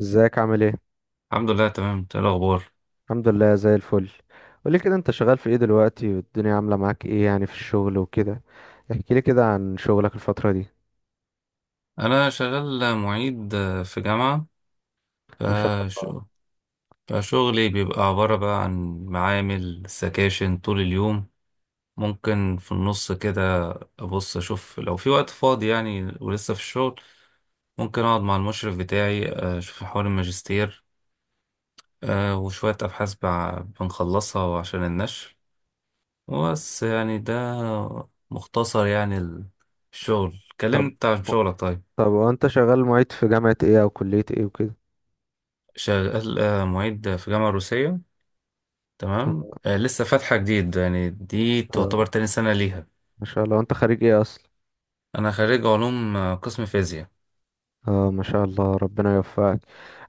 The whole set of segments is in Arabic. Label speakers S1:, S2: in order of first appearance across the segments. S1: ازيك؟ عامل ايه؟
S2: الحمد لله، تمام. إنت إيه الاخبار؟
S1: الحمد لله زي الفل. قولي كده، انت شغال في ايه دلوقتي؟ والدنيا عامله معاك ايه يعني في الشغل وكده؟ احكي لي كده عن شغلك الفتره دي.
S2: انا شغال معيد في جامعه.
S1: ما شاء
S2: فش...
S1: الله.
S2: فشغلي بيبقى عباره بقى عن معامل سكاشن طول اليوم. ممكن في النص كده ابص اشوف لو في وقت فاضي يعني، ولسه في الشغل ممكن اقعد مع المشرف بتاعي اشوف حوار الماجستير. وشويه ابحاث بنخلصها عشان النشر. بس يعني ده مختصر يعني الشغل،
S1: طب
S2: كلمت عن شغلك طيب.
S1: طب وانت شغال معيد في جامعه ايه او كليه ايه وكده؟
S2: شغال معيد في جامعة روسية. تمام، لسه فاتحة جديد يعني، دي
S1: اه،
S2: تعتبر تاني سنة ليها.
S1: ما شاء الله، انت خريج ايه اصلا؟
S2: أنا خريج علوم قسم فيزياء.
S1: اه ما شاء الله، ربنا يوفقك.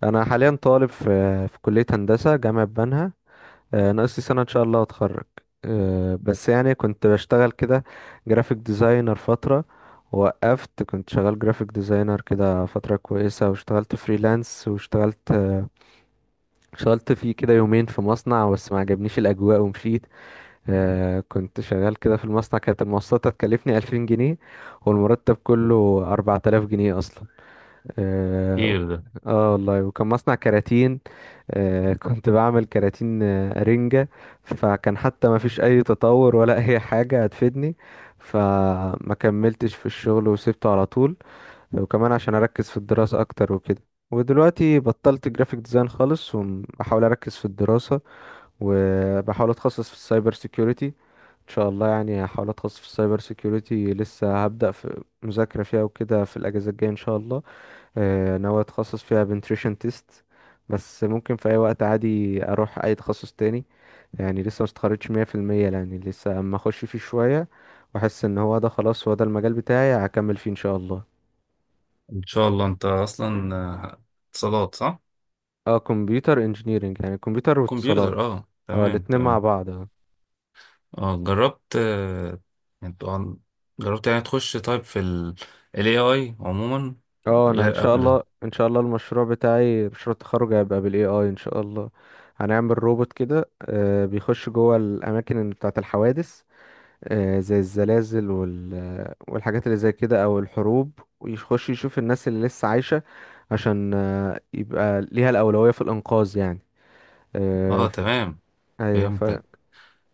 S1: انا حاليا طالب في كليه هندسه جامعه بنها. ناقص لي سنة إن شاء الله أتخرج. بس يعني كنت بشتغل كده جرافيك ديزاينر فترة، وقفت. كنت شغال جرافيك ديزاينر كده فترة كويسة، واشتغلت فريلانس، واشتغلت آه، اشتغلت فيه كده يومين في مصنع، بس ما عجبنيش الأجواء ومشيت. كنت شغال كده في المصنع، كانت المواصلات هتكلفني 2000 جنيه، والمرتب كله 4000 جنيه أصلا. آه.
S2: كتير ده.
S1: اه والله، وكان مصنع كراتين. آه كنت بعمل كراتين، آه، رنجة. فكان حتى ما فيش اي تطور ولا اي حاجة هتفيدني، فما كملتش في الشغل وسبته على طول، وكمان عشان اركز في الدراسة اكتر وكده. ودلوقتي بطلت جرافيك ديزاين خالص، وبحاول اركز في الدراسة، وبحاول اتخصص في السايبر سيكيورتي. ان شاء الله يعني هحاول اتخصص في السايبر سيكيورتي. لسه هبدأ في مذاكرة فيها وكده في الاجازة الجاية ان شاء الله. ناوي اتخصص فيها بنتريشن تيست، بس ممكن في اي وقت عادي اروح اي تخصص تاني. يعني لسه مستخرجتش 100%، يعني لسه اما اخش فيه شوية واحس ان هو ده، خلاص هو ده المجال بتاعي، هكمل فيه ان شاء الله.
S2: إن شاء الله. أنت أصلا اتصالات صح؟
S1: اه، كمبيوتر انجينيرنج يعني كمبيوتر واتصالات.
S2: كمبيوتر، أه
S1: اه
S2: تمام
S1: الاتنين مع
S2: تمام.
S1: بعض، اه.
S2: أه جربت يعني طبعاً جربت يعني تخش طيب في ال AI عموما
S1: اه انا ان
S2: غير
S1: شاء
S2: قبل.
S1: الله، ان شاء الله المشروع بتاعي، مشروع التخرج، هيبقى بالاي اي ان شاء الله. هنعمل روبوت كده، بيخش جوه الاماكن بتاعه الحوادث، زي الزلازل والحاجات اللي زي كده او الحروب، ويخش يشوف الناس اللي لسه عايشة عشان يبقى ليها الأولوية في الإنقاذ يعني. آه،
S2: أه
S1: ف-
S2: تمام،
S1: ايوه ف
S2: فهمتك.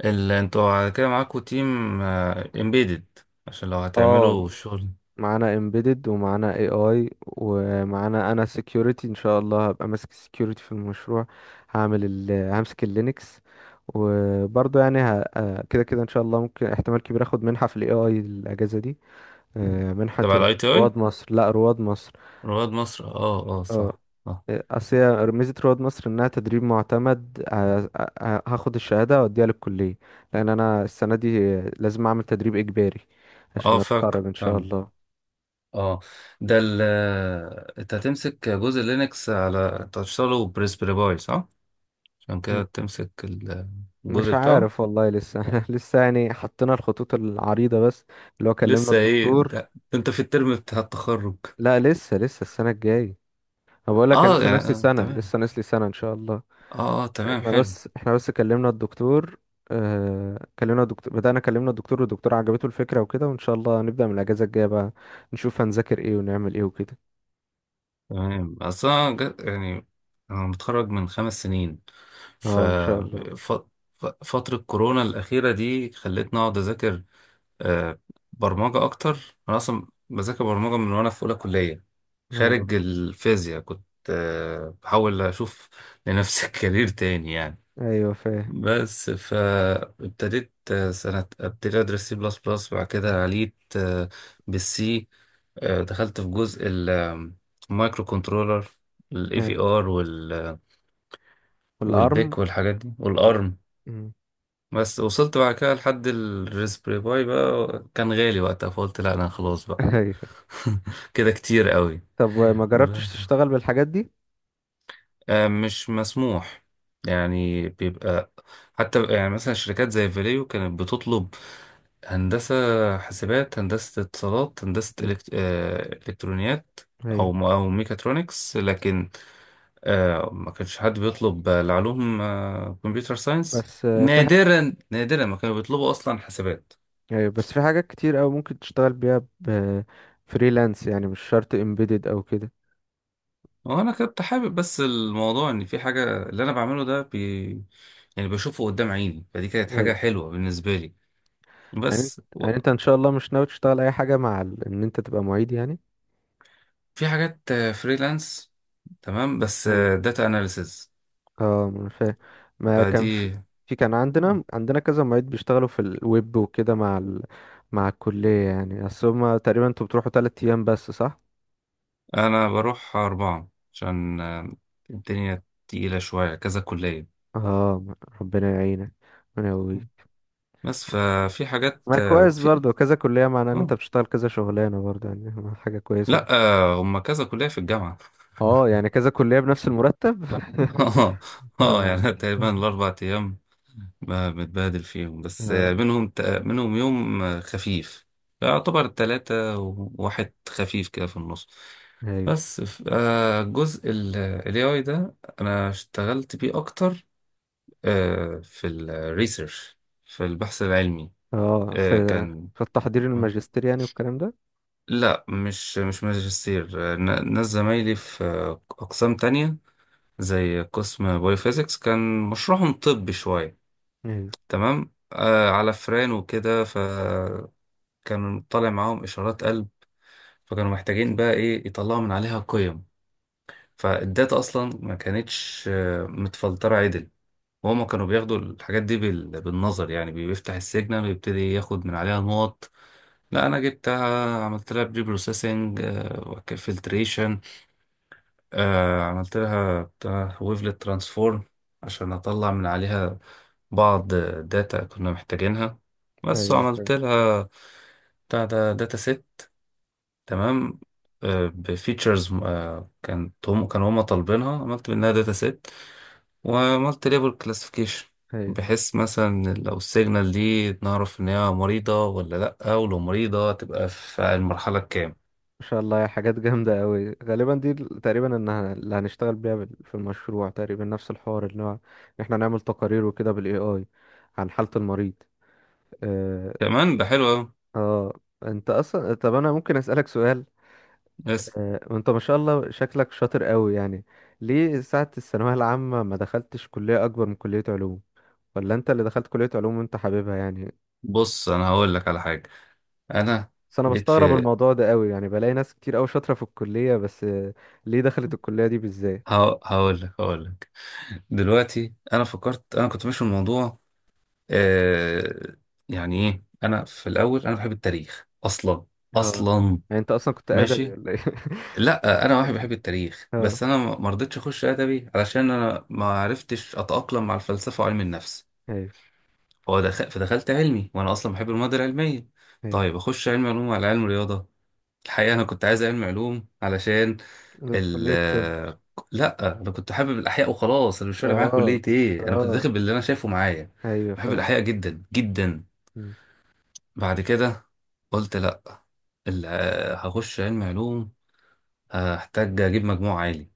S2: ال أنتوا على كده معاكوا تيم امبيدد عشان لو
S1: اه
S2: هتعملوا الشغل.
S1: معانا embedded ومعانا AI ومعانا انا security، ان شاء الله هبقى ماسك security في المشروع. هعمل همسك اللينكس، وبرضه يعني ه... آه، كده كده ان شاء الله ممكن، احتمال كبير اخد منحة في ال AI الاجازة دي. منحة
S2: تبع ال ITI؟
S1: رواد مصر. لا، رواد مصر.
S2: رواد مصر، اه اه
S1: اه.
S2: صح. اه
S1: اصل هي ميزه رواد مصر انها تدريب معتمد. هاخد الشهاده واديها للكليه، لان انا السنه دي لازم اعمل تدريب اجباري عشان
S2: اه فاكر،
S1: اتخرج ان شاء
S2: فاهم.
S1: الله.
S2: اه. ده ال انت هتمسك جزء لينكس على انت هتشتغله بريسبري باي صح؟ عشان
S1: م-
S2: كده تمسك
S1: مش
S2: الجزء بتاعه.
S1: عارف والله، لسه لسه يعني حطينا الخطوط العريضه بس، اللي هو كلمنا
S2: لسه ايه
S1: الدكتور.
S2: ده، انت في الترم بتاع التخرج؟
S1: لا لسه، لسه السنه الجايه. انا بقول لك أنا
S2: اه
S1: لسه
S2: يعني
S1: ناقص لي سنه،
S2: تمام.
S1: لسه ناقص لي سنه، ان شاء الله.
S2: اه، تمام
S1: احنا
S2: حلو.
S1: بس احنا بس كلمنا الدكتور. اه كلمنا الدكتور، بدأنا كلمنا الدكتور والدكتور عجبته الفكرة وكده، وان شاء الله هنبدأ من الأجازة الجاية بقى، نشوف هنذاكر ايه ونعمل ايه وكده.
S2: تمام، اصل انا يعني انا متخرج من خمس سنين. ف
S1: اه ان شاء الله.
S2: ف- فترة كورونا الأخيرة دي خلتني أقعد أذاكر آه، برمجة أكتر. أنا أصلا بذاكر برمجة من وأنا في أولى كلية،
S1: اه.
S2: خارج الفيزياء كنت بحاول أشوف لنفسي كارير تاني يعني.
S1: ايوه فاهم.
S2: بس فابتديت سنة ابتديت أدرس سي بلس بلس، بعد كده عليت بالسي. دخلت في جزء المايكرو كنترولر، الاي في
S1: أيوة.
S2: ار
S1: والارم.
S2: والبيك والحاجات دي والارم.
S1: مم.
S2: بس وصلت بعد كده لحد الريسبري باي، بقى كان غالي وقتها فقلت لا انا خلاص بقى.
S1: ايوه.
S2: كده كتير قوي.
S1: طب ما
S2: ب-
S1: جربتش تشتغل بالحاجات دي؟
S2: مش مسموح يعني. بيبقى حتى يعني مثلا شركات زي فاليو كانت بتطلب هندسة حاسبات، هندسة اتصالات، هندسة
S1: مم.
S2: إلكترونيات،
S1: ايوه.
S2: أو أو ميكاترونكس. لكن ما كانش حد بيطلب العلوم، كمبيوتر ساينس.
S1: بس في حاجة.
S2: نادرا نادرا ما كانوا بيطلبوا أصلا حاسبات.
S1: ايوه، بس في حاجات كتير قوي ممكن تشتغل بيها ب فريلانس، يعني مش شرط امبيدد او كده.
S2: هو انا كنت حابب، بس الموضوع ان في حاجه اللي انا بعمله ده يعني بشوفه قدام عيني، فدي كانت حاجه
S1: ايوه.
S2: حلوه بالنسبه لي.
S1: يعني انت
S2: بس
S1: يعني انت ان شاء الله مش ناوي تشتغل اي حاجة مع ان انت تبقى معيد يعني؟
S2: في حاجات فريلانس تمام، بس
S1: أيوة.
S2: داتا اناليسز
S1: اه ما أنا فاهم. ما كان في
S2: فدي.
S1: في كان عندنا، عندنا، كذا معيد بيشتغلوا في الويب وكده مع مع الكلية يعني. اصل هما تقريبا، انتوا بتروحوا تلات ايام بس صح؟
S2: انا بروح اربعه عشان الدنيا تقيله شويه، كذا كليه.
S1: اه، ربنا يعينك، ربنا يقويك.
S2: بس ففي حاجات
S1: ما كويس
S2: في.
S1: برضه، كذا كلية معناه ان انت
S2: آه.
S1: بتشتغل كذا شغلانة برضه، يعني حاجة كويسة
S2: لا،
S1: برضه.
S2: هما كذا كليه في الجامعه.
S1: اه يعني كذا كلية بنفس المرتب
S2: اه
S1: اه.
S2: يعني تقريبا الاربع ايام ما بتبادل فيهم، بس
S1: آه،
S2: منهم منهم يوم خفيف، يعتبر تلاتة وواحد خفيف كده في النص.
S1: ايوه.
S2: بس الجزء ال AI ده أنا اشتغلت بيه أكتر في الريسيرش، في البحث العلمي.
S1: اه في.
S2: كان
S1: في التحضير الماجستير يعني والكلام ده.
S2: لا، مش ماجستير. ناس زمايلي في أقسام تانية زي قسم بايوفيزيكس كان مشروعهم طبي شوية.
S1: ايوه.
S2: تمام، على فران وكده كان طالع معاهم إشارات قلب، فكانوا محتاجين بقى إيه يطلعوا من عليها قيم. فالداتا أصلا ما كانتش متفلترة عدل، وهما كانوا بياخدوا الحاجات دي بالنظر، يعني بيفتح السيجنال ويبتدي ياخد من عليها نقط. لا أنا جبتها، عملت لها بري بروسيسنج، فلتريشن، عملت لها بتاع ويفلت ترانسفورم عشان أطلع من عليها بعض داتا كنا محتاجينها. بس
S1: ايوه
S2: وعملت
S1: فاهم.
S2: لها بتاع ده، داتا سيت تمام بفيتشرز. كانوا هم طالبينها، عملت منها داتا سيت وعملت ليبل كلاسيفيكيشن،
S1: ايوه.
S2: بحيث مثلا لو السيجنال دي نعرف ان هي مريضة ولا لأ، ولو مريضة تبقى في المرحلة الكام.
S1: ما شاء الله يا حاجات جامدة أوي، غالبا دي تقريبا إنها اللي هنشتغل بيها في المشروع، تقريبا نفس الحوار اللي هو إن إحنا نعمل تقارير وكده بالاي AI عن حالة المريض. آه.
S2: كمان ده حلو أوي.
S1: آه أنت أصلا، طب أنا ممكن أسألك سؤال؟
S2: بس
S1: آه أنت ما شاء الله شكلك شاطر أوي يعني، ليه ساعة الثانوية العامة ما دخلتش كلية أكبر من كلية علوم؟ ولا أنت اللي دخلت كلية علوم وأنت حاببها يعني؟
S2: بص انا هقول لك على حاجة. انا
S1: بس أنا
S2: جيت
S1: بستغرب
S2: في
S1: الموضوع ده أوي، يعني بلاقي ناس كتير أوي شاطرة في الكلية بس. ليه دخلت الكلية دي بالذات؟
S2: هقول لك. دلوقتي انا فكرت، انا كنت ماشي في الموضوع آه يعني ايه. انا في الاول انا بحب التاريخ اصلا،
S1: اه،
S2: اصلا.
S1: يعني انت اصلا كنت ادبي
S2: ماشي.
S1: ولا ايه؟
S2: لا انا واحد بحب التاريخ،
S1: اه.
S2: بس انا ما رضيتش اخش ادبي، علشان انا ما عرفتش اتاقلم مع الفلسفه وعلم النفس.
S1: ايوه.
S2: فهو دخل فدخلت علمي، وانا اصلا بحب المواد العلميه.
S1: ايوه.
S2: طيب اخش علم علوم على علم رياضه. الحقيقه انا كنت عايز علم علوم علشان
S1: أنا
S2: ال
S1: كلية طب.
S2: لا، انا كنت حابب الاحياء وخلاص. انا مش فارق معايا
S1: اه.
S2: كليه ايه، انا كنت
S1: اه.
S2: داخل باللي انا شايفه معايا.
S1: ايوه
S2: بحب
S1: فاهم.
S2: الاحياء جدا جدا.
S1: مم.
S2: بعد كده قلت لا، ال- هخش علم علوم هحتاج اجيب مجموع عالي،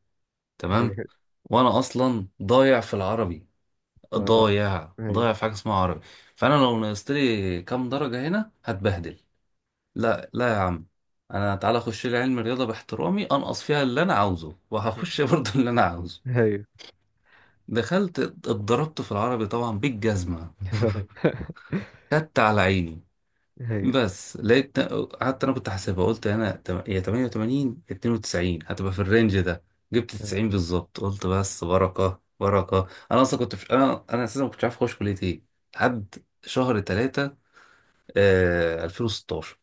S2: تمام.
S1: ايوه.
S2: وانا اصلا ضايع في العربي،
S1: اه.
S2: ضايع
S1: ايوه.
S2: ضايع في حاجه اسمها عربي. فانا لو نقصت لي كام درجه هنا هتبهدل. لا لا يا عم، انا تعالى اخش لي علم الرياضه، باحترامي انقص فيها اللي انا عاوزه، وهخش برضه اللي انا عاوزه.
S1: ايوه.
S2: دخلت اتضربت في العربي طبعا بالجزمه. خدت على عيني.
S1: ايوه.
S2: بس لقيت، قعدت انا كنت حاسبها، قلت انا يا 88 92 هتبقى في الرينج ده، جبت
S1: آه.
S2: 90 بالظبط. قلت بس، بركه بركه. انا اصلا كنت انا اساسا ما كنتش عارف اخش كليه ايه لحد شهر 3، 2016.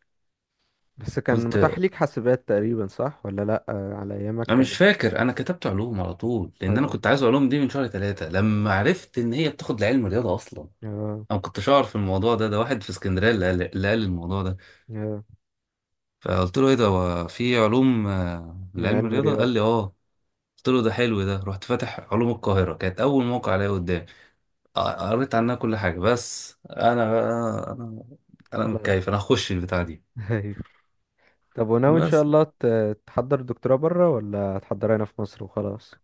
S1: بس كان
S2: قلت،
S1: متاح ليك حاسبات تقريبا صح ولا لا؟ آه. على ايامك
S2: انا مش
S1: كانت.
S2: فاكر، انا كتبت علوم على طول لان انا
S1: اه.
S2: كنت عايز علوم دي من شهر 3 لما عرفت ان هي بتاخد لعلم رياضه. اصلا
S1: اه.
S2: انا ما كنتش اعرف الموضوع ده. ده واحد في اسكندريه اللي قال الموضوع ده.
S1: اه.
S2: فقلت له ايه ده، هو في علوم
S1: من
S2: لعلم
S1: علم
S2: الرياضه؟ قال
S1: رياضي.
S2: لي اه. قلت له ده حلو ده، رحت فاتح علوم القاهرة كانت أول موقع الاقيه قدامي. قريت عنها كل حاجة. بس أنا بقى، أنا أنا
S1: خلاص.
S2: متكيف، أنا هخش البتاع دي.
S1: ايوه. طب وناوي ان شاء
S2: بس
S1: الله تحضر دكتوراه بره ولا هتحضرها هنا في مصر وخلاص؟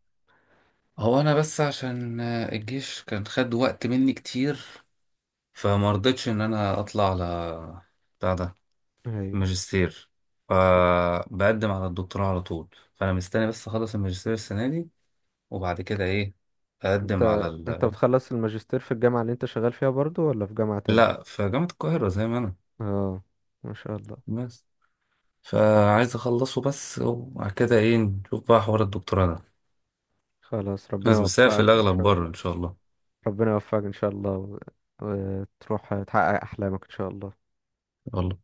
S2: هو أنا بس عشان الجيش كان خد وقت مني كتير، فما رضيتش إن أنا أطلع على بتاع ده
S1: ايوه.
S2: الماجستير، فبقدم على الدكتوراه على طول. فأنا مستني بس أخلص الماجستير السنة دي، وبعد كده إيه أقدم على
S1: انت بتخلص الماجستير في الجامعة اللي انت شغال فيها برضو ولا في جامعة تاني؟
S2: لا، في جامعة القاهرة زي ما أنا.
S1: اه. ما شاء الله.
S2: بس فعايز اخلصه بس، وبعد كده ايه نشوف بقى حوار الدكتوراه ده.
S1: خلاص، ربنا
S2: بس هي في
S1: يوفقك ان
S2: الاغلب
S1: شاء
S2: بره
S1: الله.
S2: ان شاء الله.
S1: ربنا يوفقك ان شاء الله، وتروح تحقق احلامك ان شاء الله.
S2: والله.